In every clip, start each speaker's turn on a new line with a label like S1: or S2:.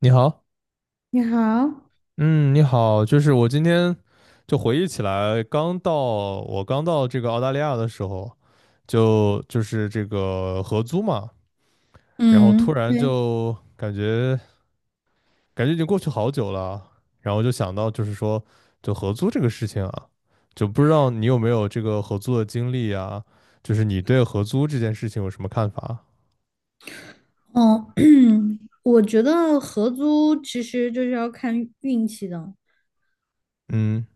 S1: 你好。
S2: 你好。
S1: 嗯，你好，就是我今天就回忆起来，刚到我刚到这个澳大利亚的时候，就是这个合租嘛，然后
S2: 嗯，
S1: 突然
S2: 对。
S1: 就感觉已经过去好久了，然后就想到就是说就合租这个事情啊，就不知道你有没有这个合租的经历啊，就是你对合租这件事情有什么看法？
S2: 哦，我觉得合租其实就是要看运气的。
S1: 嗯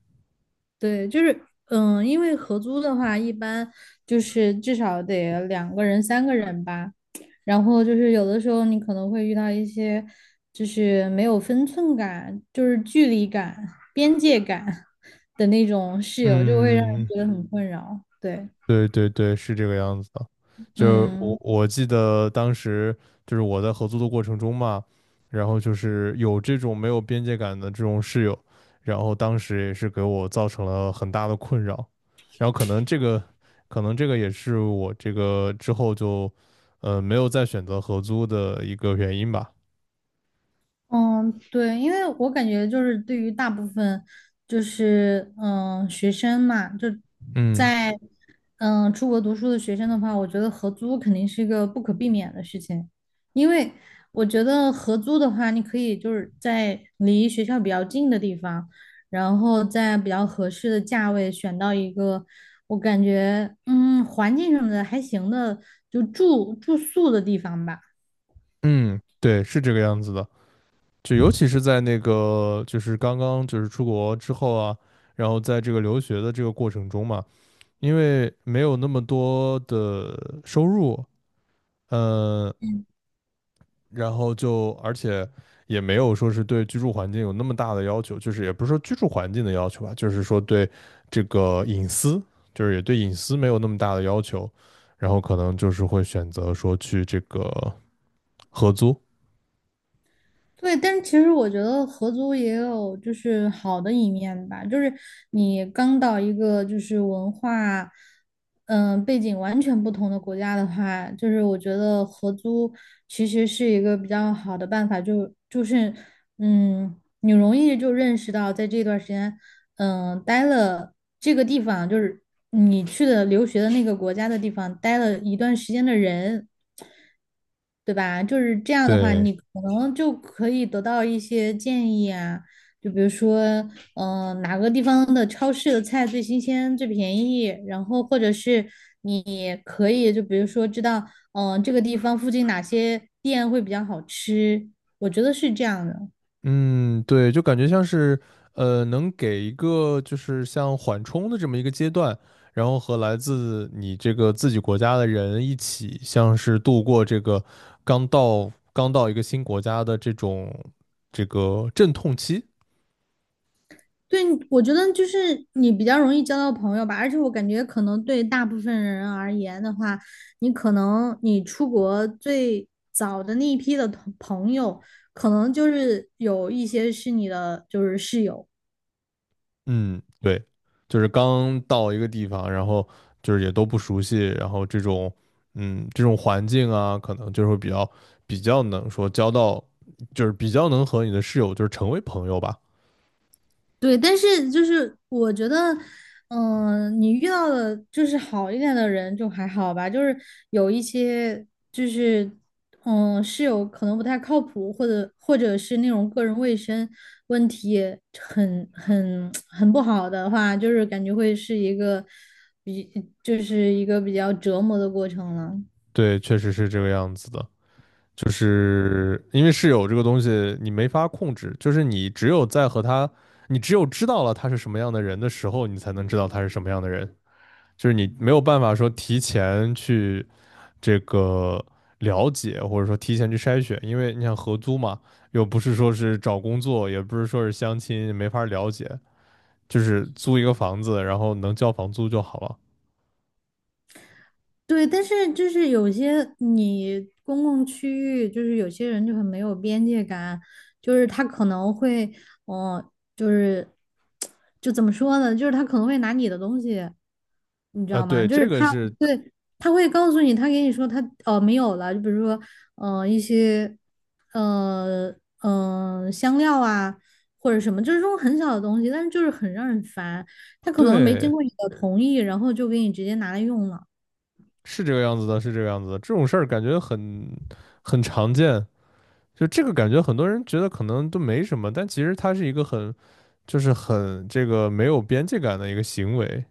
S2: 对，因为合租的话，一般就是至少得两个人、三个人吧，然后就是有的时候你可能会遇到一些就是没有分寸感、就是距离感、边界感 的那种室友，就会让人
S1: 嗯。
S2: 觉得很困扰。对，
S1: 对对对，是这个样子的。就是我
S2: 嗯。
S1: 我记得当时就是我在合租的过程中嘛，然后就是有这种没有边界感的这种室友，然后当时也是给我造成了很大的困扰。然后可能这个，可能这个也是我这个之后就，没有再选择合租的一个原因吧。
S2: 嗯，对，因为我感觉就是对于大部分学生嘛，就
S1: 嗯
S2: 在出国读书的学生的话，我觉得合租肯定是一个不可避免的事情，因为我觉得合租的话，你可以就是在离学校比较近的地方，然后在比较合适的价位选到一个我感觉环境什么的还行的，就住宿的地方吧。
S1: 嗯，对，是这个样子的。就尤其是在那个就是刚刚就是出国之后啊。然后在这个留学的这个过程中嘛，因为没有那么多的收入，嗯，然后就而且也没有说是对居住环境有那么大的要求，就是也不是说居住环境的要求吧，就是说对这个隐私，就是也对隐私没有那么大的要求，然后可能就是会选择说去这个合租。
S2: 对，但是其实我觉得合租也有就是好的一面吧，就是你刚到一个就是文化、背景完全不同的国家的话，就是我觉得合租其实是一个比较好的办法，就是你容易就认识到在这段时间，待了这个地方，就是你去的留学的那个国家的地方待了一段时间的人。对吧？就是这样的话，
S1: 对，
S2: 你可能就可以得到一些建议啊，就比如说，哪个地方的超市的菜最新鲜、最便宜，然后或者是你可以就比如说知道，这个地方附近哪些店会比较好吃，我觉得是这样的。
S1: 嗯，对，就感觉像是，能给一个就是像缓冲的这么一个阶段，然后和来自你这个自己国家的人一起，像是度过这个刚到一个新国家的这种这个阵痛期。
S2: 对，我觉得就是你比较容易交到朋友吧，而且我感觉可能对大部分人而言的话，你可能出国最早的那一批的同朋友，可能就是有一些是你的就是室友。
S1: 嗯，对，就是刚到一个地方，然后就是也都不熟悉，然后这种嗯这种环境啊，可能就是会比较能说交到，就是比较能和你的室友就是成为朋友吧。
S2: 对，但是就是我觉得，你遇到的就是好一点的人就还好吧，就是有一些就是，室友可能不太靠谱，或者是那种个人卫生问题很 很不好的话，就是感觉会是一个比就是一个比较折磨的过程了。
S1: 对，确实是这个样子的，就是因为室友这个东西你没法控制，就是你只有在和他，你只有知道了他是什么样的人的时候，你才能知道他是什么样的人，就是你没有办法说提前去这个了解，或者说提前去筛选，因为你想合租嘛，又不是说是找工作，也不是说是相亲，没法了解，就是租一个房子，然后能交房租就好了。
S2: 对，但是就是有些你公共区域，就是有些人就很没有边界感，就是他可能会，嗯，就是就怎么说呢，就是他可能会拿你的东西，你知
S1: 啊、
S2: 道吗？
S1: 对，
S2: 就是
S1: 这个是
S2: 对他会告诉你，他给你说他哦没有了，就比如说一些呃香料啊或者什么，就是这种很小的东西，但是就是很让人烦，他可能没经
S1: 对。
S2: 过你的同意，然后就给你直接拿来用了。
S1: 是这个样子的，是这个样子的。这种事儿感觉很常见，就这个感觉很多人觉得可能都没什么，但其实它是一个很就是很这个没有边界感的一个行为，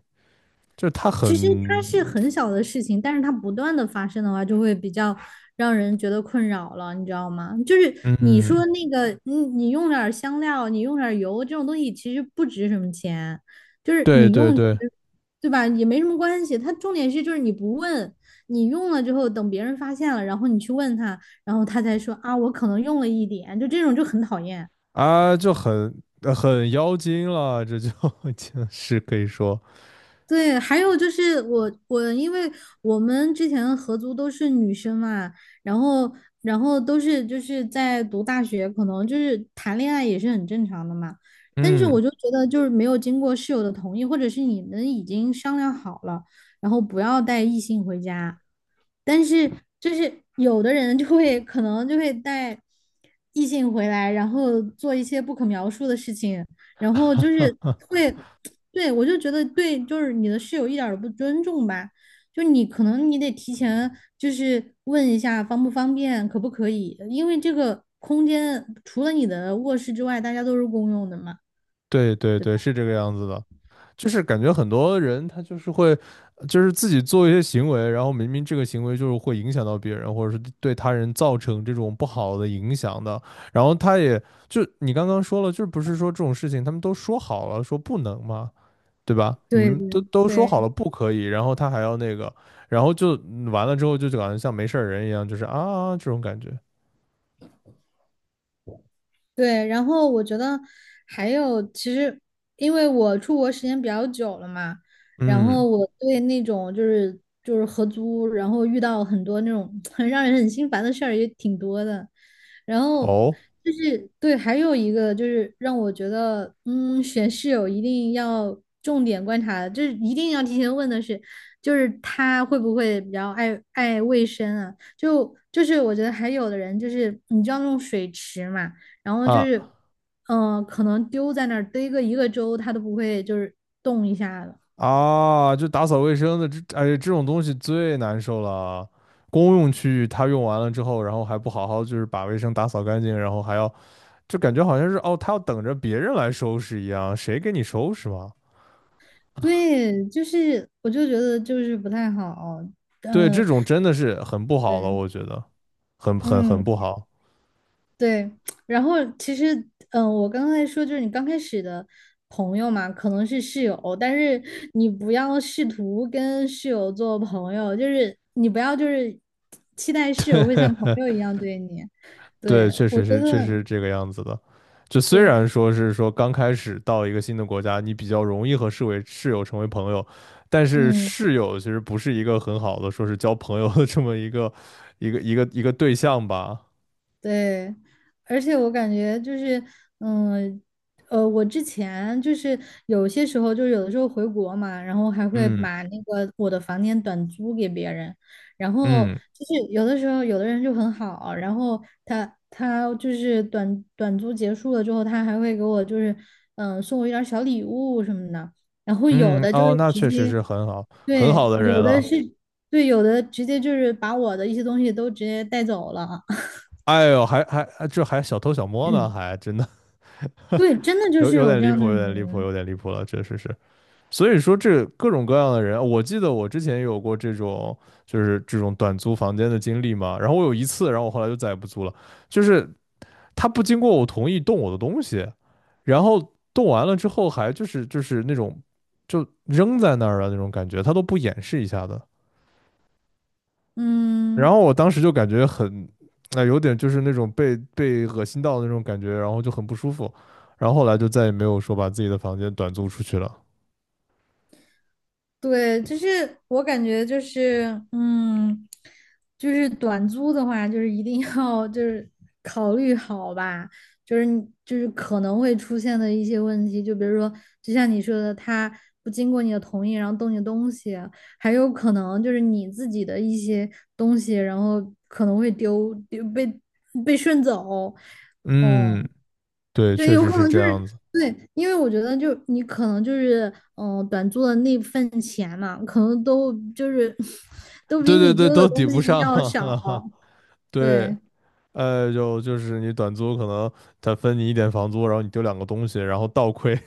S1: 就是它很
S2: 其实它是很小的事情，但是它不断的发生的话，就会比较让人觉得困扰了，你知道吗？就是你
S1: 嗯，
S2: 说那个，你用点儿香料，你用点儿油，这种东西其实不值什么钱，就是
S1: 对
S2: 你
S1: 对
S2: 用，
S1: 对
S2: 对吧？也没什么关系。它重点是就是你不问，你用了之后，等别人发现了，然后你去问他，然后他才说啊，我可能用了一点，就这种就很讨厌。
S1: 啊，就很很妖精了，这就 就是可以说
S2: 对，还有就是因为我们之前合租都是女生嘛，然后都是就是在读大学，可能就是谈恋爱也是很正常的嘛。但是
S1: 嗯，
S2: 我就觉得就是没有经过室友的同意，或者是你们已经商量好了，然后不要带异性回家，但是就是有的人可能就会带异性回来，然后做一些不可描述的事情，然后就是 会，对，我就觉得对，就是你的室友一点儿都不尊重吧，就你可能你得提前就是问一下方不方便，可不可以，因为这个空间除了你的卧室之外，大家都是公用的嘛。
S1: 对对对，是这个样子的。就是感觉很多人他就是会，就是自己做一些行为，然后明明这个行为就是会影响到别人，或者是对他人造成这种不好的影响的，然后他也就你刚刚说了，就是不是说这种事情他们都说好了说不能吗？对吧？你
S2: 对
S1: 们都
S2: 对
S1: 都说好
S2: 对。
S1: 了不可以，然后他还要那个，然后就完了之后就感觉像没事儿人一样，就是啊这种感觉。
S2: 对，然后我觉得还有，其实因为我出国时间比较久了嘛，然
S1: 嗯，
S2: 后我对那种就是合租，然后遇到很多那种 很让人很心烦的事儿也挺多的。然后
S1: 哦
S2: 对，还有一个就是让我觉得，嗯，选室友一定要重点观察，就是一定要提前问的是，就是他会不会比较爱卫生啊？就是我觉得还有的人就是你知道那种水池嘛，然后就
S1: 啊
S2: 是，可能丢在那儿堆个一个周，他都不会就是动一下的。
S1: 啊，就打扫卫生的这，哎，这种东西最难受了啊。公用区域他用完了之后，然后还不好好就是把卫生打扫干净，然后还要就感觉好像是哦，他要等着别人来收拾一样，谁给你收拾嘛？
S2: 对，就是我就觉得就是不太好，
S1: 对，这
S2: 嗯、
S1: 种真的是很不好了，
S2: 对，
S1: 我觉得很
S2: 嗯。
S1: 不好。
S2: 对，然后其实，我刚才说就是你刚开始的朋友嘛，可能是室友，但是你不要试图跟室友做朋友，就是你不要就是期待室友会像朋友一样对你。
S1: 对，
S2: 对，
S1: 确
S2: 我
S1: 实
S2: 觉
S1: 是，确实
S2: 得，
S1: 是这个样子的。就虽
S2: 对，
S1: 然说是说刚开始到一个新的国家，你比较容易和室友成为朋友，但是
S2: 嗯。
S1: 室友其实不是一个很好的说是交朋友的这么一个对象吧。
S2: 对，而且我感觉就是，嗯，我之前就是有些时候，就是有的时候回国嘛，然后还会
S1: 嗯
S2: 把那个我的房间短租给别人，然后
S1: 嗯
S2: 就是有的时候有的人就很好，然后他就是短租结束了之后，他还会给我就是送我一点儿小礼物什么的，然后有
S1: 嗯，
S2: 的就是
S1: 哦，那
S2: 直
S1: 确实
S2: 接
S1: 是很好很
S2: 对，
S1: 好的人
S2: 有的
S1: 了。
S2: 是对，有的直接就是把我的一些东西都直接带走了。
S1: 哎呦，还这还小偷小摸呢，还真的
S2: 对，真的就
S1: 有
S2: 是
S1: 有
S2: 有
S1: 点
S2: 这
S1: 离
S2: 样的
S1: 谱，有点离谱，
S2: 人，
S1: 有点离谱了，确实是。所以说这各种各样的人，我记得我之前有过这种就是这种短租房间的经历嘛。然后我有一次，然后我后来就再也不租了，就是他不经过我同意动我的东西，然后动完了之后还就是那种就扔在那儿的那种感觉，他都不掩饰一下的。然
S2: 嗯，
S1: 后我当时就感觉很，啊、有点就是那种被恶心到的那种感觉，然后就很不舒服。然后后来就再也没有说把自己的房间短租出去了。
S2: 对，就是我感觉就是，就是短租的话，就是一定要就是考虑好吧，就是你就是可能会出现的一些问题，就比如说，就像你说的，他不经过你的同意，然后动你的东西，还有可能就是你自己的一些东西，然后可能会丢被顺走，
S1: 嗯，
S2: 哦、
S1: 对，
S2: 对，
S1: 确
S2: 有
S1: 实
S2: 可
S1: 是
S2: 能
S1: 这
S2: 就是
S1: 样子。
S2: 对，因为我觉得就是你可能就是短租的那份钱嘛，可能都就是 都比
S1: 对对
S2: 你
S1: 对，
S2: 丢的
S1: 都抵
S2: 东
S1: 不
S2: 西
S1: 上。
S2: 要少。
S1: 对，
S2: 对
S1: 就是你短租，可能他分你一点房租，然后你丢两个东西，然后倒亏。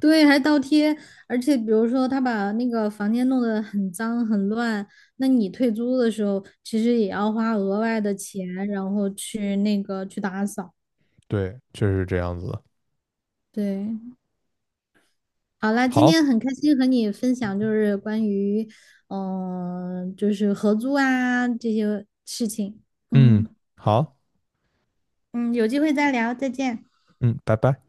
S2: 对，还倒贴，而且比如说他把那个房间弄得很脏很乱，那你退租的时候其实也要花额外的钱，然后去那个去打扫。
S1: 对，确实是这样子的。
S2: 对，好啦，今
S1: 好，
S2: 天很开心和你分享，就是关于，就是合租啊这些事情。
S1: 嗯，
S2: 嗯
S1: 好，
S2: 嗯，有机会再聊，再见。
S1: 嗯，拜拜。